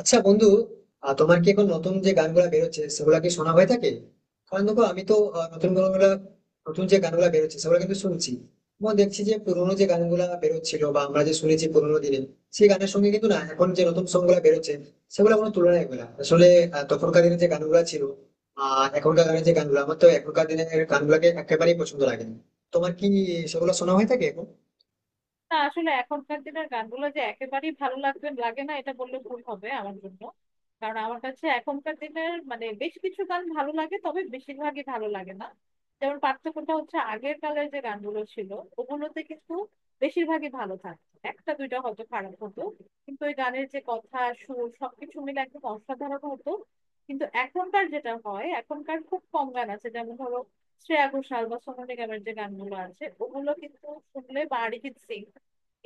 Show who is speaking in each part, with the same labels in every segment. Speaker 1: আচ্ছা বন্ধু, তোমার কি এখন নতুন যে গানগুলা বেরোচ্ছে সেগুলা কি শোনা হয়ে থাকে? কারণ দেখো, আমি তো নতুন গানগুলা, নতুন যে গানগুলা বেরোচ্ছে সেগুলো কিন্তু শুনছি। এবং দেখছি যে পুরোনো যে গানগুলা বেরোচ্ছিল বা আমরা যে শুনেছি পুরোনো দিনে, সেই গানের সঙ্গে কিন্তু না এখন যে নতুন সং গুলা বেরোচ্ছে সেগুলো কোনো তুলনায় হবে না আসলে। তখনকার দিনে যে গানগুলা ছিল, এখনকার গানের যে গানগুলো, আমার তো এখনকার দিনের গানগুলাকে একেবারেই পছন্দ লাগে না। তোমার কি সেগুলো শোনা হয়ে থাকে এখন?
Speaker 2: না, আসলে এখনকার দিনের গানগুলো যে একেবারেই ভালো লাগবে লাগে না এটা বললে ভুল হবে আমার জন্য। কারণ আমার কাছে এখনকার দিনের মানে বেশ কিছু গান ভালো লাগে, তবে বেশিরভাগই ভালো লাগে না। যেমন পার্থক্যটা হচ্ছে, আগের কালের যে গানগুলো ছিল ওগুলোতে কিন্তু বেশিরভাগই ভালো থাকতো, একটা দুইটা হয়তো খারাপ হতো, কিন্তু ওই গানের যে কথা সুর সবকিছু মিলে একদম অসাধারণ হতো। কিন্তু এখনকার যেটা হয়, এখনকার খুব কম গান আছে, যেমন ধরো শ্রেয়া ঘোষাল বা সোনু নিগমের যে গানগুলো আছে ওগুলো কিন্তু শুনলে, বা অরিজিৎ সিং,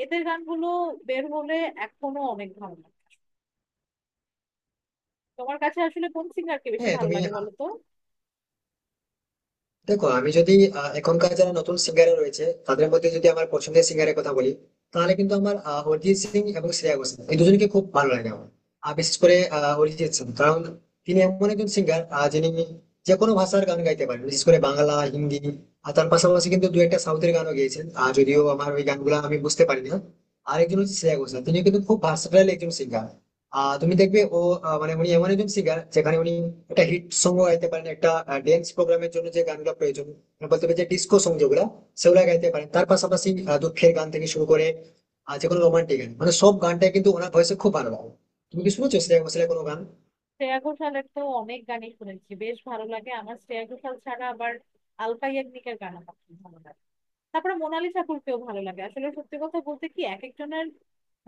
Speaker 2: এদের গানগুলো বের হলে এখনো অনেক ভালো লাগে। তোমার কাছে আসলে কোন সিঙ্গারকে বেশি
Speaker 1: হ্যাঁ,
Speaker 2: ভালো
Speaker 1: তুমি
Speaker 2: লাগে বলো তো?
Speaker 1: দেখো, আমি যদি এখনকার যারা নতুন সিঙ্গার রয়েছে তাদের মধ্যে যদি আমার পছন্দের সিঙ্গারের কথা বলি, তাহলে কিন্তু আমার অরিজিৎ সিং এবং শ্রেয়া ঘোষাল এই দুজনকে খুব ভালো লাগে আমার। আর বিশেষ করে অরিজিৎ সিং, কারণ তিনি এমন একজন সিঙ্গার যিনি যে কোনো ভাষার গান গাইতে পারেন, বিশেষ করে বাংলা হিন্দি। আর তার পাশাপাশি কিন্তু দু একটা সাউথের গানও গেয়েছেন, আর যদিও আমার ওই গানগুলো আমি বুঝতে পারি না। আরেকজন হচ্ছে শ্রেয়া ঘোষাল, তিনি কিন্তু খুব ভার্সেটাইল একজন সিঙ্গার। তুমি দেখবে ও, মানে উনি এমন একজন সিঙ্গার যেখানে উনি একটা হিট সং গাইতে পারেন, একটা ড্যান্স প্রোগ্রামের জন্য যে গানগুলো প্রয়োজন, মানে বলতে পারি যে ডিস্কো সং যেগুলো, সেগুলো গাইতে পারেন। তার পাশাপাশি দুঃখের গান থেকে শুরু করে যে কোনো রোমান্টিক গান, মানে সব গানটাই কিন্তু ওনার ভয়েসে খুব ভালো লাগে। তুমি কি শুনেছো সেরকম সেরকম কোনো গান?
Speaker 2: শ্রেয়া ঘোষালের তো অনেক গানই শুনেছি, বেশ ভালো লাগে আমার। শ্রেয়া ঘোষাল ছাড়া আবার আলকা ইয়াগনিকের গান আমার খুব ভালো লাগে। তারপরে মোনালি ঠাকুরকেও ভালো লাগে। আসলে সত্যি কথা বলতে কি, এক একজনের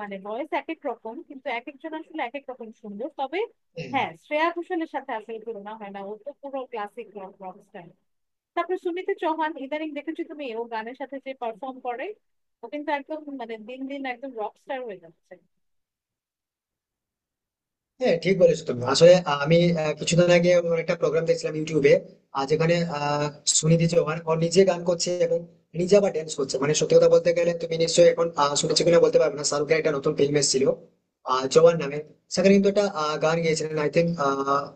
Speaker 2: মানে ভয়েস এক এক রকম, কিন্তু এক একজন আসলে এক এক রকম সুন্দর। তবে
Speaker 1: হ্যাঁ,
Speaker 2: হ্যাঁ, শ্রেয়া ঘোষালের সাথে আসলে তুলনা হয় না, ও তো পুরো ক্লাসিক রক রক স্টাইল। তারপর সুমিতা চৌহান ইদানিং দেখেছো তুমি, ও গানের সাথে যে পারফর্ম করে? ও কিন্তু একদম মানে দিন দিন একদম রকস্টার হয়ে যাচ্ছে।
Speaker 1: হ্যাঁ, ঠিক বলেছো তুমি। আসলে আমি কিছুদিন আগে ওর একটা প্রোগ্রাম দেখছিলাম ইউটিউবে, আর যেখানে সুনিধি চৌহান ও নিজে গান করছে এবং নিজে আবার dance করছে। মানে সত্যি কথা বলতে গেলে, তুমি নিশ্চয়ই এখন শুনেছো কিনা বলতে পারবে না, শাহরুখের একটা নতুন ফিল্ম এসেছিল জওয়ান নামে। সেখানে কিন্তু একটা গান গেয়েছিলেন আই থিঙ্ক,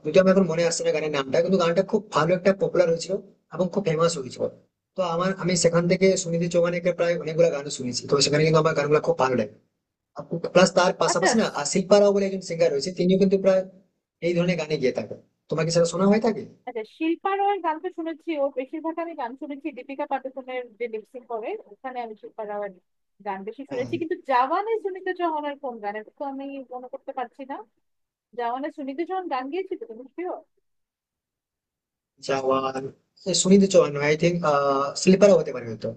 Speaker 1: যদিও আমার এখন মনে আসছে না গানের নামটা, কিন্তু গানটা খুব ভালো একটা পপুলার হয়েছিল এবং খুব ফেমাস হয়েছিল। তো আমি সেখান থেকে সুনিধি চৌহানের প্রায় অনেকগুলো গান শুনেছি, তো সেখানে কিন্তু আমার গানগুলো খুব ভালো লাগে। প্লাস তার
Speaker 2: আচ্ছা
Speaker 1: পাশাপাশি না,
Speaker 2: স-
Speaker 1: আশিক শিল্পা রাও বলে একজন সিঙ্গার রয়েছে, তিনিও কিন্তু প্রায় এই ধরনের গানে গিয়ে থাকেন। তোমাকে সেটা শোনা হয়ে থাকে?
Speaker 2: আচ্ছা, শিল্পা রয়ের গান তো শুনেছি। ও, বেশিরভাগ আমি গান শুনেছি দীপিকা পাডুকোনের, যে লিপসিং করে, ওখানে আমি শিল্পা রয়ের গান বেশি
Speaker 1: হ্যাঁ,
Speaker 2: শুনেছি। কিন্তু জাওয়ানে সুনিতা চৌহানের কোন গান, এটা তো আমি মনে করতে পারছি না। জাওয়ানে সুনিতা চৌহান গান গিয়েছিল তুমি শিওর?
Speaker 1: জওয়ান এ সুনিধি চৌহান আই থিঙ্ক, শিল্পারা হতে পারে হয়তো।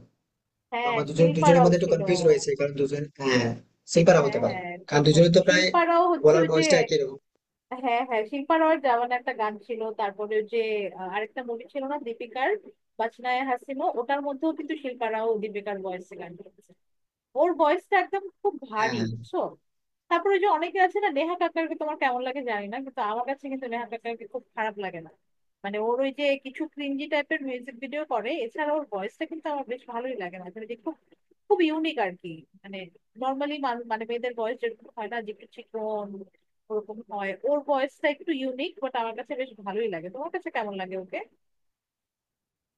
Speaker 1: তো
Speaker 2: হ্যাঁ,
Speaker 1: আমার দুজন
Speaker 2: শিল্পা
Speaker 1: দুজনের
Speaker 2: রাও
Speaker 1: মধ্যে একটু
Speaker 2: ছিল।
Speaker 1: কনফিউজ রয়েছে, কারণ দুজন, হ্যাঁ, শিল্পারা
Speaker 2: হ্যাঁ
Speaker 1: হতে পারে,
Speaker 2: হ্যাঁ,
Speaker 1: কারণ
Speaker 2: ঠিক
Speaker 1: দুজনের
Speaker 2: বলেছো,
Speaker 1: তো প্রায়
Speaker 2: শিল্পা রাও হচ্ছে
Speaker 1: বলার
Speaker 2: ওই যে।
Speaker 1: ভয়েসটা একই রকম।
Speaker 2: হ্যাঁ হ্যাঁ, শিল্পা রয়ের জওয়ান একটা গান ছিল। তারপরে ওই যে, আরেকটা মুভি ছিল না দীপিকার, বাচনায়ে হাসিনো, ওটার মধ্যেও কিন্তু শিল্পা রাও দীপিকার ভয়েসে গান করেছে। ওর ভয়েসটা একদম খুব ভারী,
Speaker 1: হ্যাঁ,
Speaker 2: বুঝছো? তারপরে ওই যে অনেকে আছে না, নেহা কাক্কারকে তোমার কেমন লাগে জানি না, কিন্তু আমার কাছে কিন্তু নেহা কাক্কারকে খুব খারাপ লাগে না। মানে ওর ওই যে কিছু ক্রিঞ্জি টাইপের মিউজিক ভিডিও করে, এছাড়া ওর ভয়েসটা কিন্তু আমার বেশ ভালোই লাগে। না মানে, যে খুব খুব ইউনিক আর কি। মানে নর্মালি, মানে মেয়েদের ভয়েস যেরকম হয় না, যে একটু চিকন, ওরকম হয়, ওর ভয়েসটা একটু ইউনিক, বাট আমার কাছে বেশ ভালোই লাগে। তোমার কাছে কেমন লাগে ওকে?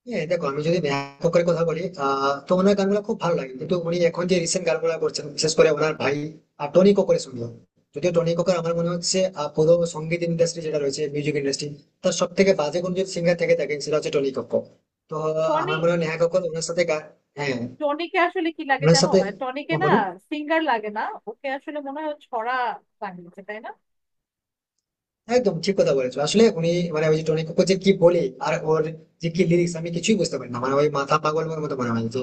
Speaker 1: হ্যাঁ, দেখো আমি যদি ব্যাপক করে কথা বলি, তো ওনার গানগুলো খুব ভালো লাগে, কিন্তু উনি এখন যে রিসেন্ট গানগুলো করছেন বিশেষ করে ওনার ভাই টনি কক্করের সঙ্গে। যদিও টনি কক্কর, আমার মনে হচ্ছে পুরো সঙ্গীত ইন্ডাস্ট্রি যেটা রয়েছে মিউজিক ইন্ডাস্ট্রি, তার সব থেকে বাজে কোন যদি সিঙ্গার থেকে থাকেন সেটা হচ্ছে টনি কক্কর। তো
Speaker 2: টনি
Speaker 1: আমার মনে হয় নেহা কক্কর ওনার সাথে হ্যাঁ,
Speaker 2: টনিকে আসলে কি লাগে
Speaker 1: ওনার
Speaker 2: জানো,
Speaker 1: সাথে।
Speaker 2: মানে টনিকে
Speaker 1: হ্যাঁ,
Speaker 2: না
Speaker 1: বলুন।
Speaker 2: সিঙ্গার লাগে না। ওকে আসলে মনে হয় ও ছড়া বানিয়েছে, তাই না?
Speaker 1: একদম ঠিক কথা বলেছো। আসলে উনি মানে ওই যে টনি কক্কর যে কি বলে আর ওর যে কি লিরিক্স, আমি কিছুই বুঝতে পারি না। মানে ওই মাথা পাগল ওর মতো মনে হয় যে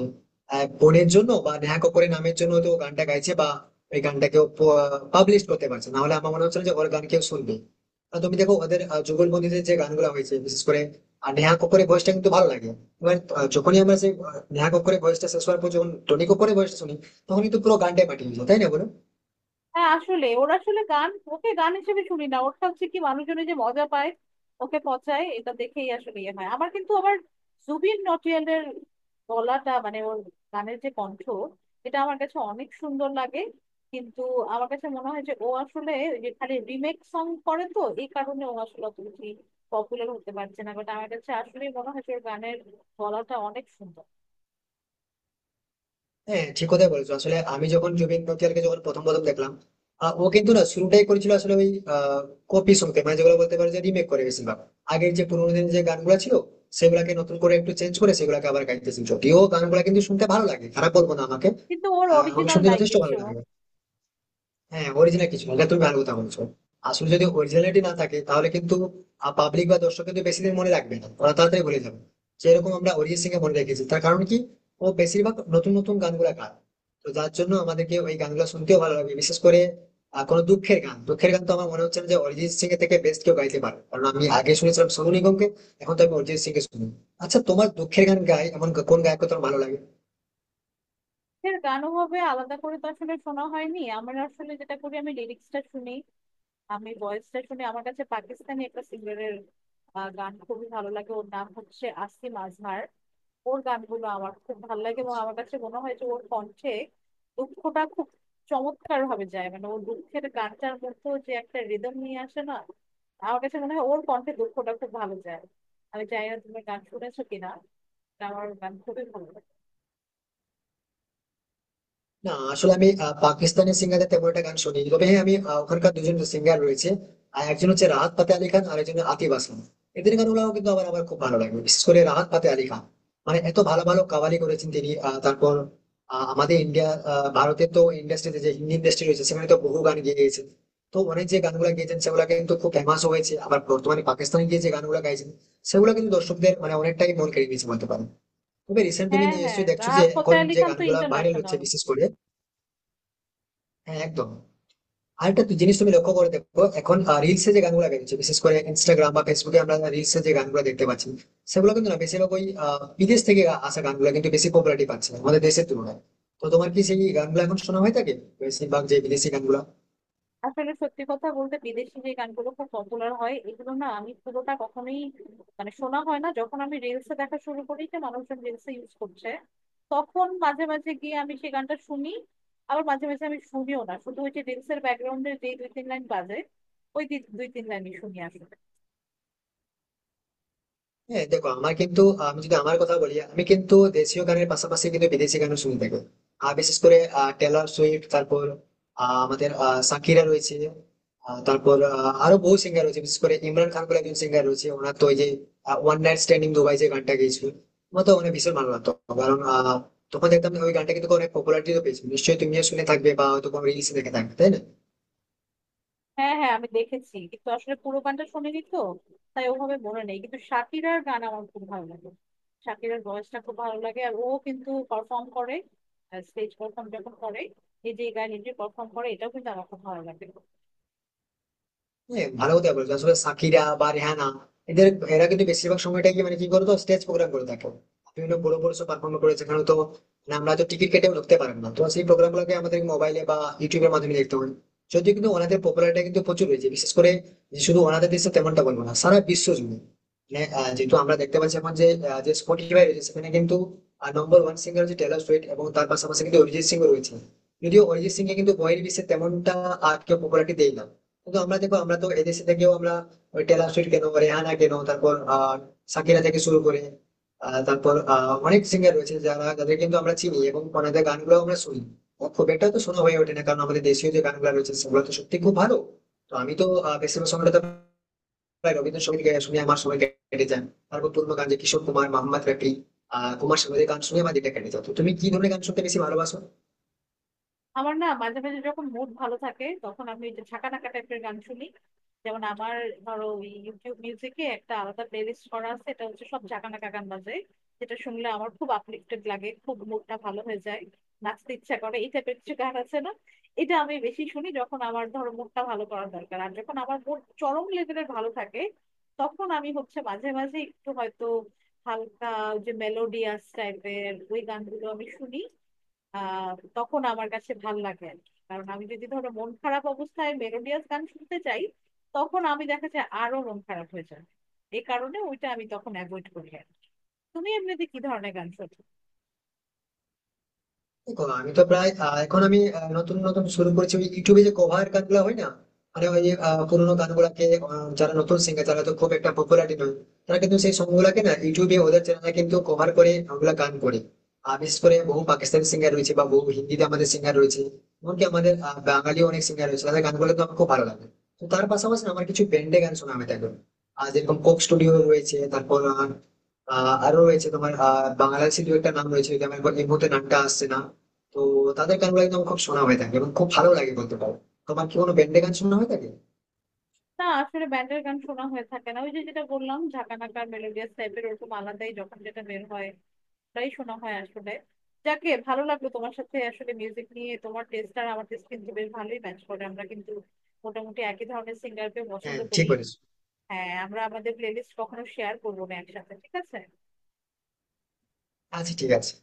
Speaker 1: বোনের জন্য বা নেহা কক্করের নামের জন্য তো ও গানটা গাইছে, বা ওই গানটাকেও পাবলিশ করতে পারছে, না হলে আমার মনে হচ্ছে না যে ওর গান কেউ শুনবে। আর তুমি দেখো ওদের যুগলবন্দিতে যে গানগুলো হয়েছে বিশেষ করে, আর নেহা কক্করের ভয়েসটা কিন্তু ভালো লাগে। এবার যখনই আমরা সেই নেহা কক্করের ভয়েসটা শেষ হওয়ার পর যখন টনি কক্করের ভয়েসটা শুনি, তখনই তো পুরো গানটাই মাটি হয়ে যায়, তাই না বলো?
Speaker 2: হ্যাঁ, আসলে ওর আসলে গান, ওকে গান হিসেবে শুনি না, ওরটা হচ্ছে কি, মানুষজনে যে মজা পায় ওকে পচায় এটা দেখেই আসলে ইয়ে হয় আমার। কিন্তু আবার জুবিন নটিয়ালের গলাটা, মানে ওর গানের যে কণ্ঠ, এটা আমার কাছে অনেক সুন্দর লাগে। কিন্তু আমার কাছে মনে হয় যে ও আসলে ওই যে খালি রিমেক সং করে, তো এই কারণে ও আসলে অত বেশি পপুলার হতে পারছে না। বাট আমার কাছে আসলে মনে হয় যে ওর গানের গলাটা অনেক সুন্দর।
Speaker 1: হ্যাঁ, ঠিক কথাই বলেছো। আসলে আমি যখন জুবিন নটিয়ালকে যখন প্রথম প্রথম দেখলাম, ও কিন্তু না শুরুটাই করেছিল আসলে ওই কপি সঙ্গে, মানে যেগুলো বলতে পারে যে রিমেক করে। বেশিরভাগ আগের যে পুরোনো দিনের যে গানগুলো ছিল সেগুলাকে নতুন করে একটু চেঞ্জ করে সেগুলাকে আবার গাইতেছে। যদিও গানগুলো কিন্তু শুনতে ভালো লাগে, খারাপ বলবো না, আমাকে
Speaker 2: কিন্তু ওর
Speaker 1: আমাকে
Speaker 2: অরিজিনাল
Speaker 1: শুনতে
Speaker 2: নাই
Speaker 1: যথেষ্ট
Speaker 2: কিছু,
Speaker 1: ভালো লাগে। হ্যাঁ, অরিজিনাল কিছু না, এটা তুমি ভালো কথা বলছো। আসলে যদি অরিজিনালিটি না থাকে তাহলে কিন্তু পাবলিক বা দর্শক কিন্তু বেশি দিন মনে রাখবে না, ওরা তাড়াতাড়ি বলে যাবে। যেরকম আমরা অরিজিৎ সিং কে মনে রেখেছি, তার কারণ কি? ও বেশিরভাগ নতুন নতুন গানগুলা গায়, তো যার জন্য আমাদেরকে ওই গানগুলো শুনতেও ভালো লাগে। বিশেষ করে কোনো দুঃখের গান, দুঃখের গান তো আমার মনে হচ্ছে না যে অরিজিৎ সিং এর থেকে বেস্ট কেউ গাইতে পারে। কারণ আমি আগে শুনেছিলাম সোনু নিগমকে, এখন তো আমি অরিজিৎ সিং কে শুনি। আচ্ছা, তোমার দুঃখের গান গায় এমন কোন গায়ক তোমার ভালো লাগে?
Speaker 2: এর গানও হবে আলাদা করে তো আসলে শোনা হয়নি। আমার আসলে যেটা করি, আমি লিরিক্সটা শুনি, আমি ভয়েসটা শুনি। আমার কাছে পাকিস্তানি একটা সিঙ্গারের গান খুবই ভালো লাগে, ওর নাম হচ্ছে আসিম আজহার। ওর গানগুলো আমার খুব ভালো লাগে, এবং আমার কাছে মনে হয় যে ওর কণ্ঠে দুঃখটা খুব চমৎকার ভাবে যায়। মানে ওর দুঃখের গানটার মধ্যেও যে একটা রিদম নিয়ে আসে না, আমার কাছে মনে হয় ওর কণ্ঠে দুঃখটা খুব ভালো যায়। আমি জানি না তুমি গান শুনেছো কিনা, কিন্তু আমার গান খুবই ভালো লাগে।
Speaker 1: না, আসলে আমি পাকিস্তানি সিঙ্গারদের তেমন একটা গান শুনি, তবে হ্যাঁ, আমি ওখানকার দুজন সিঙ্গার রয়েছে, আর একজন হচ্ছে রাহাত ফাতে আলী খান আর একজন আতিফ আসলাম। এদের গানগুলো কিন্তু আমার আমার খুব ভালো লাগে, বিশেষ করে রাহাত ফাতে আলী খান। মানে এত ভালো ভালো কাওয়ালি করেছেন তিনি। তারপর আমাদের ইন্ডিয়া, ভারতের তো ইন্ডাস্ট্রিতে যে হিন্দি ইন্ডাস্ট্রি রয়েছে সেখানে তো বহু গান গেয়ে গেছেন। তো অনেক যে গানগুলো গেয়েছেন সেগুলো কিন্তু খুব ফেমাস হয়েছে। আবার বর্তমানে পাকিস্তানে গিয়ে যে গানগুলো গাইছেন, সেগুলো কিন্তু দর্শকদের মানে অনেকটাই মন কেড়ে নিয়েছে বলতে পারেন। তবে রিসেন্ট তুমি
Speaker 2: হ্যাঁ হ্যাঁ,
Speaker 1: নিশ্চয়ই দেখছো যে
Speaker 2: রাহাত ফতেহ
Speaker 1: এখন
Speaker 2: আলী
Speaker 1: যে
Speaker 2: খান তো
Speaker 1: গানগুলা ভাইরাল হচ্ছে
Speaker 2: ইন্টারন্যাশনাল।
Speaker 1: বিশেষ করে, হ্যাঁ একদম। আর একটা তুই জিনিস তুমি লক্ষ্য করে দেখো এখন, রিলসে যে গানগুলো বেরোচ্ছে বিশেষ করে ইনস্টাগ্রাম বা ফেসবুকে আমরা রিলসে যে গানগুলো দেখতে পাচ্ছি, সেগুলো কিন্তু না বেশিরভাগ ওই বিদেশ থেকে আসা গানগুলো কিন্তু বেশি পপুলারিটি পাচ্ছে আমাদের দেশের তুলনায়। তো তোমার কি সেই গানগুলো এখন শোনা হয়ে থাকে, বেশিরভাগ যে বিদেশি গানগুলো?
Speaker 2: আসলে সত্যি কথা বলতে, বিদেশি যে গানগুলো খুব পপুলার হয় এগুলো না আমি পুরোটা কখনোই মানে শোনা হয় না। যখন আমি রিলসে দেখা শুরু করি যে মানুষজন রিলসে ইউজ করছে, তখন মাঝে মাঝে গিয়ে আমি সেই গানটা শুনি। আবার মাঝে মাঝে আমি শুনিও না, শুধু ওই যে রিলসের ব্যাকগ্রাউন্ডে যে দুই তিন লাইন বাজে, ওই দুই তিন লাইনই শুনি আসলে।
Speaker 1: হ্যাঁ, দেখো আমার কিন্তু, আমি যদি আমার কথা বলি, আমি কিন্তু দেশীয় গানের পাশাপাশি কিন্তু বিদেশি গানও শুনতে থাকি। আর বিশেষ করে টেলর সুইফট, তারপর শাকিরা রয়েছে, আহ, তারপর আহ, আরো বহু সিঙ্গার রয়েছে। বিশেষ করে ইমরান খান বলে একজন সিঙ্গার রয়েছে, ওনার তো ওই যে ওয়ান নাইট স্ট্যান্ডিং দুবাই যে গানটা গেয়েছিল, আমার তো অনেক ভীষণ ভালো লাগতো। কারণ তখন দেখতাম যে ওই গানটা কিন্তু অনেক পপুলারিটিও পেয়েছিল, নিশ্চয়ই তুমিও শুনে থাকবে বা হয়তো কোনো রিলসে দেখে থাকবে, তাই না?
Speaker 2: হ্যাঁ হ্যাঁ, আমি দেখেছি, কিন্তু আসলে পুরো গানটা শুনিনি তো, তাই ওভাবে মনে নেই। কিন্তু শাকিরার গান আমার খুব ভালো লাগে, শাকিরার ভয়েসটা খুব ভালো লাগে। আর ও কিন্তু পারফর্ম করে, স্টেজ পারফর্ম যখন করে, নিজে গায়ে নিজে পারফর্ম করে, এটাও কিন্তু আমার খুব ভালো লাগে।
Speaker 1: হ্যাঁ, ভালো কথা বলছো। আসলে সাকিরা বা রেহানা, এদের, এরা কিন্তু বেশিরভাগ সময়টা কি মানে কি বলতো, স্টেজ প্রোগ্রাম করে থাকে, বিভিন্ন বড় বড় সব পারফর্ম করে, যেখানে তো মানে আমরা তো টিকিট কেটেও ঢুকতে পারবো না। তো সেই প্রোগ্রাম গুলোকে আমাদের মোবাইলে বা ইউটিউবের মাধ্যমে দেখতে হবে। যদিও কিন্তু ওনাদের পপুলারিটি কিন্তু প্রচুর হয়েছে, বিশেষ করে যে শুধু ওনাদের দেশে তেমনটা বলবো না, সারা বিশ্ব জুড়ে। মানে যেহেতু আমরা দেখতে পাচ্ছি এখন যে যে স্পটিফাই রয়েছে সেখানে কিন্তু নম্বর ওয়ান সিঙ্গার হচ্ছে টেলর সুইফট, এবং তার পাশাপাশি কিন্তু অরিজিৎ সিং রয়েছে। যদিও অরিজিৎ সিং এ কিন্তু বহির্বিশ্বে তেমনটা আর কেউ পপুলারিটি দেয় না। কিন্তু আমরা দেখো, আমরা তো এদেশে থেকেও আমরা ওই টেলর সুইট কেন, রেহানা কেন, তারপর সাকিরা থেকে শুরু করে অনেক সিঙ্গার রয়েছে যারা, যাদের কিন্তু আমরা চিনি এবং ওনাদের গানগুলো আমরা শুনি। ও খুব একটা তো শোনা হয়ে ওঠে না, কারণ আমাদের দেশীয় যে গানগুলো রয়েছে সেগুলো তো সত্যি খুব ভালো। তো আমি তো বেশিরভাগ সময়টা তো প্রায় রবীন্দ্রসঙ্গীত গায়ে শুনে আমার সময় কেটে যায়। তারপর পুরনো গান যে কিশোর কুমার, মোহাম্মদ রফি, কুমার শানুদের গান শুনে আমার দিনটা কেটে যেত। তো তুমি কি ধরনের গান শুনতে বেশি ভালোবাসো?
Speaker 2: আমার না মাঝে মাঝে যখন মুড ভালো থাকে তখন আমি ওই যে ঝাঁকা নাকা টাইপের গান শুনি। যেমন আমার, ধরো ওই ইউটিউব মিউজিকে একটা আলাদা প্লেলিস্ট করা আছে, এটা হচ্ছে সব ঝাঁকা নাকা গান বাজে, যেটা শুনলে আমার খুব আপলিফটেড লাগে, খুব মুডটা ভালো হয়ে যায়, নাচতে ইচ্ছা করে, এই টাইপের কিছু গান আছে না, এটা আমি বেশি শুনি যখন আমার ধরো মুডটা ভালো করার দরকার। আর যখন আমার মুড চরম লেভেলের ভালো থাকে তখন আমি হচ্ছে মাঝে মাঝে একটু হয়তো হালকা, ওই যে মেলোডিয়াস টাইপের ওই গানগুলো আমি শুনি। আহ তখন আমার কাছে ভাল লাগে আর কি। কারণ আমি যদি ধরো মন খারাপ অবস্থায় মেলোডিয়াস গান শুনতে চাই, তখন আমি দেখা যায় আরো মন খারাপ হয়ে যায়। এই কারণে ওইটা আমি তখন অ্যাভয়েড করি আর কি। তুমি এমনিতে কি ধরনের গান শোনো?
Speaker 1: দেখো আমি তো প্রায় আহ, এখন আমি আহ, নতুন নতুন শুরু করেছি ওই ইউটিউবে যে কভার গানগুলো হয় না, মানে ওই পুরোনো গানগুলাকে, যারা নতুন সিঙ্গার যারা তো খুব একটা পপুলারিটি নয়, তারা কিন্তু সেই সংগুলাকে না ইউটিউবে ওদের চ্যানেলে কিন্তু কভার করে ওগুলা গান করে। আর বিশেষ করে বহু পাকিস্তানি সিঙ্গার রয়েছে বা বহু হিন্দিতে আমাদের সিঙ্গার রয়েছে, এমনকি আমাদের বাঙালি অনেক সিঙ্গার রয়েছে, তাদের গানগুলো তো আমার খুব ভালো লাগে। তো তার পাশাপাশি না আমার কিছু ব্যান্ডে গান শোনা আমি থাকবে, আর যেরকম কোক স্টুডিও রয়েছে, তারপর আহ, আহ, আরো রয়েছে তোমার বাংলাদেশের দু একটা নাম রয়েছে, যদি আমার এখন এই মুহূর্তে নামটা আসছে না। তো তাদের গানগুলো একদম খুব শোনা হয়ে থাকে এবং খুব ভালো লাগে বলতে পারো। তোমার কি কোনো ব্যান্ডে গান শোনা হয়ে থাকে?
Speaker 2: না আসলে ব্যান্ডের গান শোনা হয়ে থাকে না, ওই যে যেটা বললাম ঝাঁকানাকার মেলোডিয়াস টাইপের, ওরকম আলাদাই যখন যেটা বের হয় ওটাই শোনা হয় আসলে। যাকে ভালো লাগলো, তোমার সাথে আসলে মিউজিক নিয়ে তোমার টেস্ট আর আমার টেস্ট কিন্তু বেশ ভালোই ম্যাচ করে, আমরা কিন্তু মোটামুটি একই ধরনের সিঙ্গারকে
Speaker 1: হ্যাঁ,
Speaker 2: পছন্দ
Speaker 1: ঠিক
Speaker 2: করি।
Speaker 1: বলেছো।
Speaker 2: হ্যাঁ, আমরা আমাদের প্লেলিস্ট কখনো শেয়ার করবো না একসাথে, ঠিক আছে?
Speaker 1: আচ্ছা, ঠিক আছে।